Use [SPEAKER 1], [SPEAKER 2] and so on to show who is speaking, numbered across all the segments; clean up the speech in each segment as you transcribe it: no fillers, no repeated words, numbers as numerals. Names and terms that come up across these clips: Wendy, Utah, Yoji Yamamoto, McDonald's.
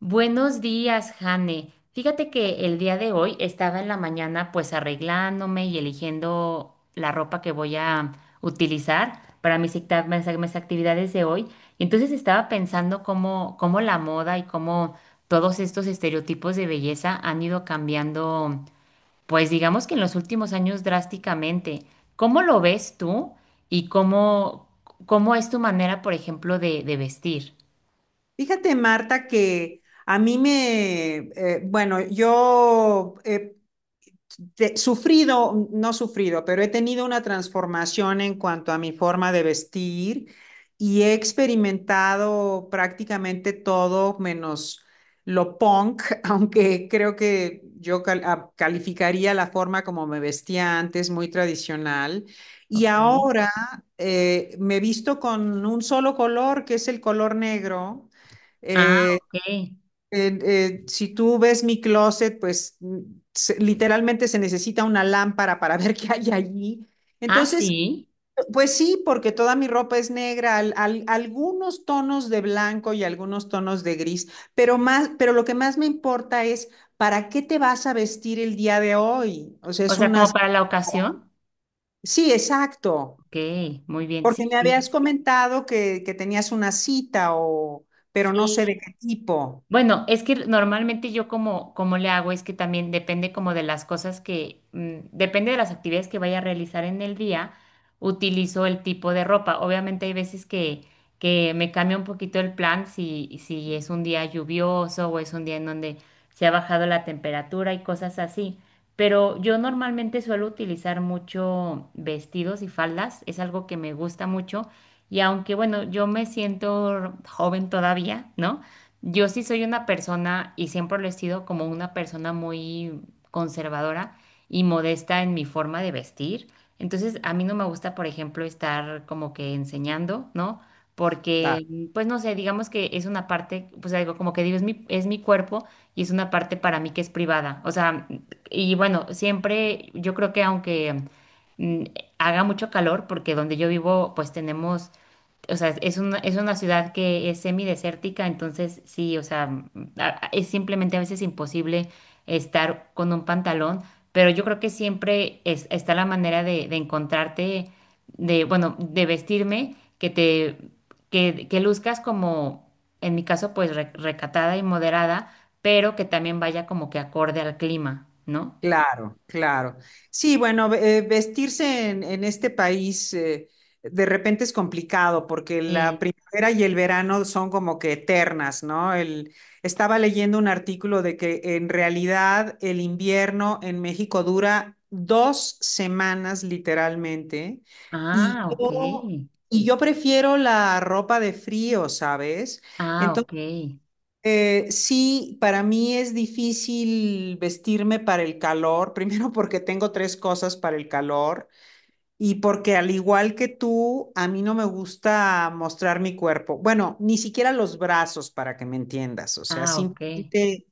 [SPEAKER 1] Buenos días, Jane. Fíjate que el día de hoy estaba en la mañana pues arreglándome y eligiendo la ropa que voy a utilizar para mis actividades de hoy. Y entonces estaba pensando cómo la moda y cómo todos estos estereotipos de belleza han ido cambiando, pues digamos que en los últimos años drásticamente. ¿Cómo lo ves tú y cómo es tu manera, por ejemplo, de vestir?
[SPEAKER 2] Fíjate, Marta, que bueno, yo he sufrido, no sufrido, pero he tenido una transformación en cuanto a mi forma de vestir y he experimentado prácticamente todo menos lo punk, aunque creo que yo calificaría la forma como me vestía antes, muy tradicional. Y
[SPEAKER 1] Ok.
[SPEAKER 2] ahora me visto con un solo color, que es el color negro.
[SPEAKER 1] Ah,
[SPEAKER 2] eh,
[SPEAKER 1] ok.
[SPEAKER 2] si tú ves mi closet, pues literalmente se necesita una lámpara para ver qué hay allí.
[SPEAKER 1] Ah,
[SPEAKER 2] Entonces,
[SPEAKER 1] sí.
[SPEAKER 2] pues sí, porque toda mi ropa es negra, algunos tonos de blanco y algunos tonos de gris, pero más, pero lo que más me importa es para qué te vas a vestir el día de hoy. O sea,
[SPEAKER 1] O
[SPEAKER 2] es
[SPEAKER 1] sea,
[SPEAKER 2] una
[SPEAKER 1] como para la ocasión.
[SPEAKER 2] sí, exacto,
[SPEAKER 1] Ok, muy bien. Sí,
[SPEAKER 2] porque me
[SPEAKER 1] sí.
[SPEAKER 2] habías comentado que tenías una cita o, pero no sé de
[SPEAKER 1] Sí,
[SPEAKER 2] qué tipo.
[SPEAKER 1] bueno, es que normalmente yo como le hago es que también depende como de las cosas que, depende de las actividades que vaya a realizar en el día, utilizo el tipo de ropa. Obviamente hay veces que, me cambia un poquito el plan si es un día lluvioso o es un día en donde se ha bajado la temperatura y cosas así. Pero yo normalmente suelo utilizar mucho vestidos y faldas, es algo que me gusta mucho. Y aunque, bueno, yo me siento joven todavía, ¿no? Yo sí soy una persona, y siempre lo he sido, como una persona muy conservadora y modesta en mi forma de vestir. Entonces, a mí no me gusta, por ejemplo, estar como que enseñando, ¿no? Porque, pues no sé, digamos que es una parte, pues algo como que digo, es mi cuerpo y es una parte para mí que es privada. O sea, y bueno, siempre yo creo que aunque mm, haga mucho calor, porque donde yo vivo, pues tenemos, o sea, es una, ciudad que es semidesértica, entonces sí, o sea, es simplemente a veces imposible estar con un pantalón, pero yo creo que siempre está la manera de encontrarte, de, bueno, de vestirme, que te, que luzcas como, en mi caso, pues recatada y moderada, pero que también vaya como que acorde al clima, ¿no?
[SPEAKER 2] Claro, claro. Sí, bueno, vestirse en este país de repente es complicado porque la
[SPEAKER 1] Sí.
[SPEAKER 2] primavera y el verano son como que eternas, ¿no? El estaba leyendo un artículo de que en realidad el invierno en México dura 2 semanas literalmente, y
[SPEAKER 1] Ah, ok.
[SPEAKER 2] yo, y yo prefiero la ropa de frío, ¿sabes?
[SPEAKER 1] Ah, ok.
[SPEAKER 2] Entonces. Sí, para mí es difícil vestirme para el calor, primero porque tengo tres cosas para el calor y porque al igual que tú, a mí no me gusta mostrar mi cuerpo. Bueno, ni siquiera los brazos para que me entiendas, o sea,
[SPEAKER 1] Ah, ok.
[SPEAKER 2] simplemente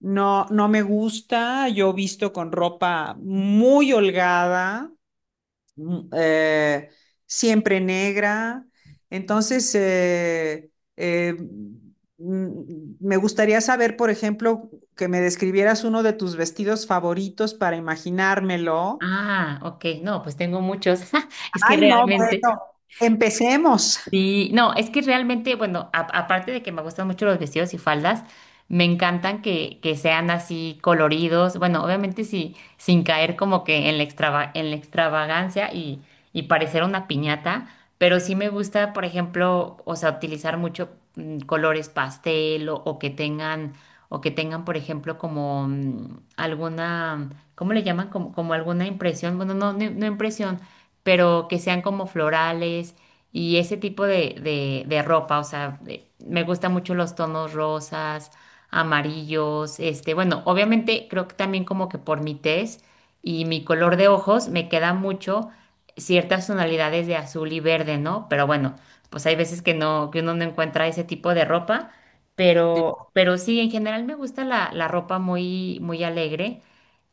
[SPEAKER 2] no, no me gusta. Yo visto con ropa muy holgada, mm, eh, siempre negra. Entonces, eh, me gustaría saber, por ejemplo, que me describieras uno de tus vestidos favoritos para imaginármelo.
[SPEAKER 1] Ah, ok, no, pues tengo muchos. Es que
[SPEAKER 2] Ay, no,
[SPEAKER 1] realmente,
[SPEAKER 2] bueno, empecemos.
[SPEAKER 1] sí, no, es que realmente, bueno, aparte de que me gustan mucho los vestidos y faldas, me encantan que sean así coloridos, bueno, obviamente sí, sin caer como que en la en la extravagancia y, parecer una piñata, pero sí me gusta, por ejemplo, o sea, utilizar mucho, colores pastel o que tengan, por ejemplo, como, alguna, ¿cómo le llaman? Como, como alguna impresión, bueno, no impresión, pero que sean como florales y ese tipo de ropa, o sea, me gustan mucho los tonos rosas, amarillos, este, bueno, obviamente creo que también como que por mi tez y mi color de ojos me queda mucho ciertas tonalidades de azul y verde, ¿no? Pero bueno, pues hay veces que no, que uno no encuentra ese tipo de ropa, pero sí, en general me gusta la ropa muy, muy alegre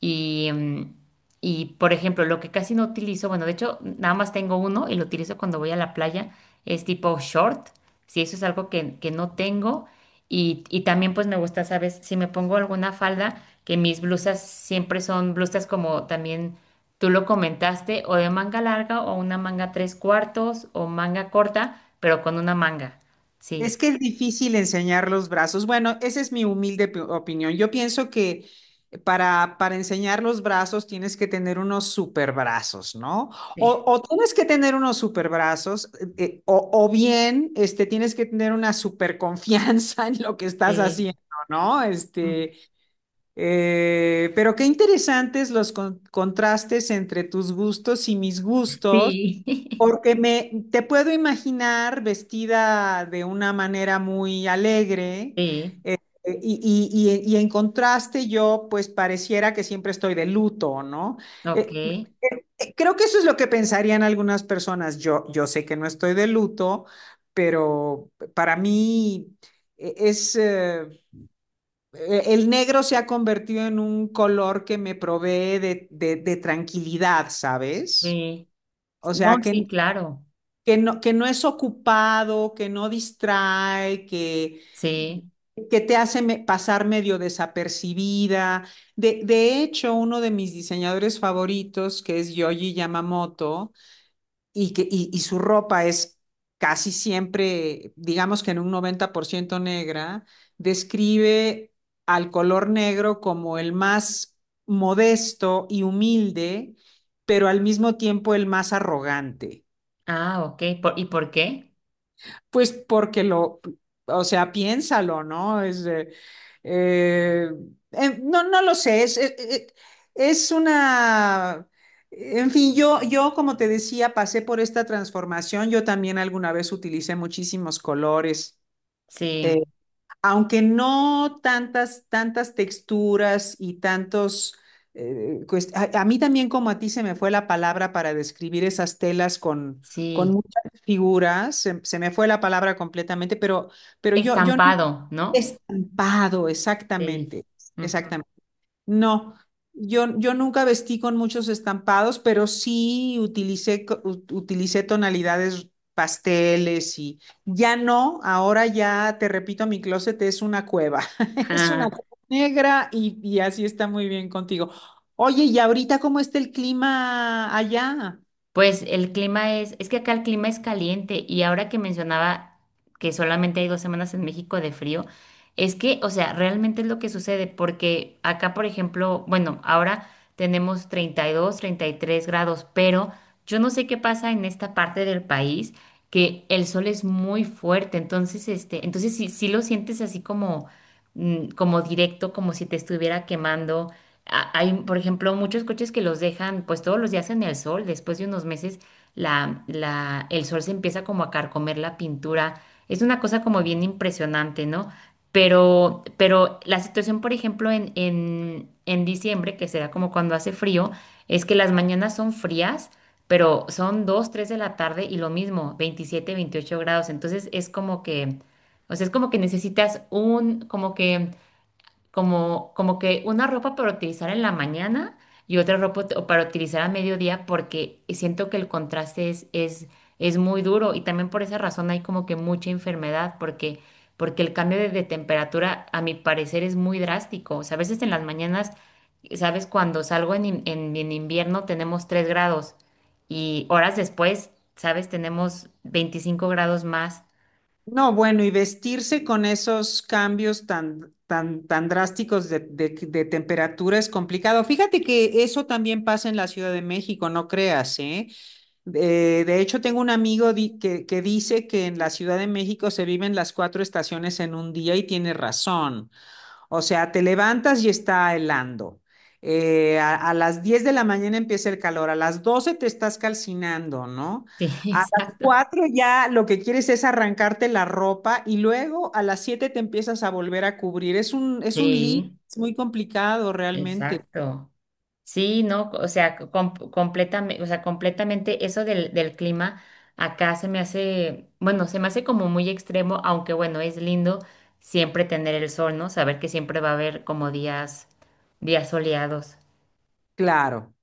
[SPEAKER 1] y, mm, y, por ejemplo, lo que casi no utilizo, bueno, de hecho, nada más tengo uno y lo utilizo cuando voy a la playa, es tipo short, si eso es algo que no tengo. Y también pues me gusta, ¿sabes? Si me pongo alguna falda, que mis blusas siempre son blusas como también tú lo comentaste, o de manga larga o una manga tres cuartos o manga corta, pero con una manga. Sí.
[SPEAKER 2] Es que es difícil enseñar los brazos. Bueno, esa es mi humilde opinión. Yo pienso que para enseñar los brazos tienes que tener unos super brazos, ¿no?
[SPEAKER 1] Sí.
[SPEAKER 2] O tienes que tener unos super brazos, o bien este, tienes que tener una super confianza en lo que estás
[SPEAKER 1] Sí.
[SPEAKER 2] haciendo, ¿no?
[SPEAKER 1] Mm.
[SPEAKER 2] Este, pero qué interesantes los contrastes entre tus gustos y mis gustos.
[SPEAKER 1] Sí.
[SPEAKER 2] Porque me te puedo imaginar vestida de una manera muy alegre,
[SPEAKER 1] Sí.
[SPEAKER 2] eh, y en contraste yo pues pareciera que siempre estoy de luto, ¿no?
[SPEAKER 1] Ok.
[SPEAKER 2] Eh, Creo que eso es lo que pensarían algunas personas. Yo sé que no estoy de luto, pero para mí eh, es... eh, el negro se ha convertido en un color que me provee de tranquilidad, ¿sabes?
[SPEAKER 1] Sí.
[SPEAKER 2] O
[SPEAKER 1] No,
[SPEAKER 2] sea, que,
[SPEAKER 1] sí, claro.
[SPEAKER 2] que no, que no es ocupado, que no distrae, que,
[SPEAKER 1] Sí.
[SPEAKER 2] que te hace pasar medio desapercibida. De hecho, uno de mis diseñadores favoritos, que es Yoji Yamamoto, y su ropa es casi siempre, digamos que en un 90% negra, describe al color negro como el más modesto y humilde, pero al mismo tiempo el más arrogante.
[SPEAKER 1] Ah, ok. Por- ¿y por qué?
[SPEAKER 2] Pues porque o sea, piénsalo, ¿no? Eh, no, no lo sé, es una, en fin, yo como te decía, pasé por esta transformación, yo también alguna vez utilicé muchísimos colores,
[SPEAKER 1] Sí,
[SPEAKER 2] eh, aunque no tantas, tantas texturas y tantos, a mí también como a ti se me fue la palabra para describir esas telas con
[SPEAKER 1] sí.
[SPEAKER 2] muchas figuras, se me fue la palabra completamente, pero yo no
[SPEAKER 1] Estampado,
[SPEAKER 2] he
[SPEAKER 1] ¿no?
[SPEAKER 2] estampado
[SPEAKER 1] Sí.
[SPEAKER 2] exactamente,
[SPEAKER 1] Ujú.
[SPEAKER 2] exactamente. No, yo nunca vestí con muchos estampados, pero sí utilicé, utilicé tonalidades pasteles y ya no, ahora ya te repito, mi closet es una cueva, es una cueva negra, y así está muy bien contigo. Oye, ¿y ahorita cómo está el clima allá?
[SPEAKER 1] Pues el clima es que acá el clima es caliente y ahora que mencionaba que solamente hay 2 semanas en México de frío, es que, o sea, realmente es lo que sucede porque acá, por ejemplo, bueno, ahora tenemos 32, 33 grados, pero yo no sé qué pasa en esta parte del país que el sol es muy fuerte, entonces, este, entonces sí, sí lo sientes así como, como directo, como si te estuviera quemando. Hay, por ejemplo, muchos coches que los dejan pues todos los días en el sol. Después de unos meses, el sol se empieza como a carcomer la pintura. Es una cosa como bien impresionante, ¿no? Pero la situación, por ejemplo, en diciembre, que será como cuando hace frío, es que las mañanas son frías, pero son 2, 3 de la tarde y lo mismo, 27, 28 grados. Entonces es como que, o sea, es como que necesitas un, como que como, como que una ropa para utilizar en la mañana y otra ropa para utilizar a mediodía porque siento que el contraste es muy duro y también por esa razón hay como que mucha enfermedad porque el cambio de temperatura a mi parecer es muy drástico. O sea, a veces en las mañanas, ¿sabes? Cuando salgo en invierno tenemos 3 grados y horas después, ¿sabes? Tenemos 25 grados más.
[SPEAKER 2] No, bueno, y vestirse con esos cambios tan, tan, tan drásticos de temperatura es complicado. Fíjate que eso también pasa en la Ciudad de México, no creas, ¿eh? De hecho, tengo un amigo que dice que en la Ciudad de México se viven las cuatro estaciones en un día y tiene razón. O sea, te levantas y está helando. A las 10 de la mañana empieza el calor, a las 12 te estás calcinando, ¿no?
[SPEAKER 1] Sí,
[SPEAKER 2] A las
[SPEAKER 1] exacto.
[SPEAKER 2] 4 ya lo que quieres es arrancarte la ropa y luego a las 7 te empiezas a volver a cubrir. Es un lío,
[SPEAKER 1] Sí,
[SPEAKER 2] es muy complicado realmente.
[SPEAKER 1] exacto. Sí, no, o sea, completamente eso del clima acá se me hace, bueno, se me hace como muy extremo, aunque bueno, es lindo siempre tener el sol, ¿no? Saber que siempre va a haber como días, días soleados.
[SPEAKER 2] Claro,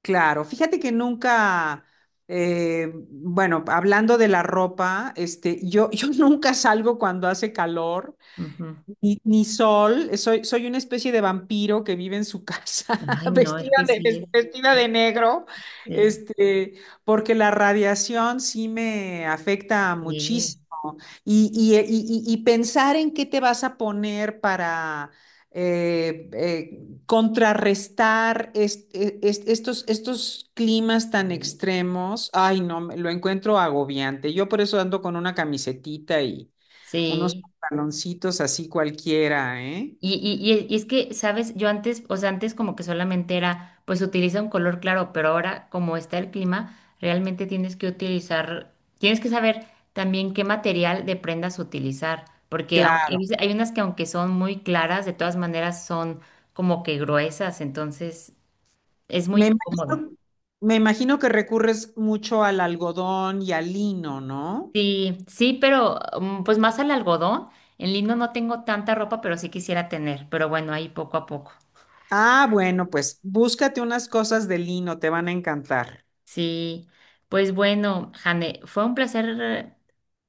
[SPEAKER 2] claro. Fíjate que nunca, bueno, hablando de la ropa, este, yo, yo nunca salgo cuando hace calor.
[SPEAKER 1] Ujú.
[SPEAKER 2] Ni sol, soy una especie de vampiro que vive en su casa,
[SPEAKER 1] Ay, no, es que sí,
[SPEAKER 2] vestida
[SPEAKER 1] es,
[SPEAKER 2] de negro,
[SPEAKER 1] eh,
[SPEAKER 2] este, porque la radiación sí me afecta
[SPEAKER 1] sí, sí,
[SPEAKER 2] muchísimo. Y pensar en qué te vas a poner para eh, eh, contrarrestar estos climas tan extremos, ay, no, lo encuentro agobiante. Yo por eso ando con una camisetita, unos
[SPEAKER 1] sí.
[SPEAKER 2] pantaloncitos así cualquiera, ¿eh?
[SPEAKER 1] Y es que, ¿sabes? Yo antes, o sea, antes como que solamente era, pues utiliza un color claro, pero ahora como está el clima, realmente tienes que utilizar, tienes que saber también qué material de prendas utilizar, porque aunque- hay,
[SPEAKER 2] Claro.
[SPEAKER 1] veces- hay unas que aunque son muy claras, de todas maneras son como que gruesas, entonces es muy
[SPEAKER 2] Me
[SPEAKER 1] incómodo.
[SPEAKER 2] imagino, me imagino que recurres mucho al algodón y al lino, ¿no?
[SPEAKER 1] Sí, sí, pero pues más al algodón, en lino no tengo tanta ropa, pero sí quisiera tener, pero bueno, ahí poco a poco.
[SPEAKER 2] Ah, bueno, pues búscate unas cosas de lino, te van a encantar.
[SPEAKER 1] Sí, pues bueno, Jane, fue un placer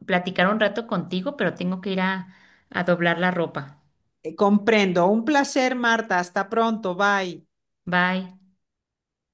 [SPEAKER 1] platicar un rato contigo, pero tengo que ir a doblar la ropa.
[SPEAKER 2] Comprendo. Un placer, Marta. Hasta pronto. Bye.
[SPEAKER 1] Bye.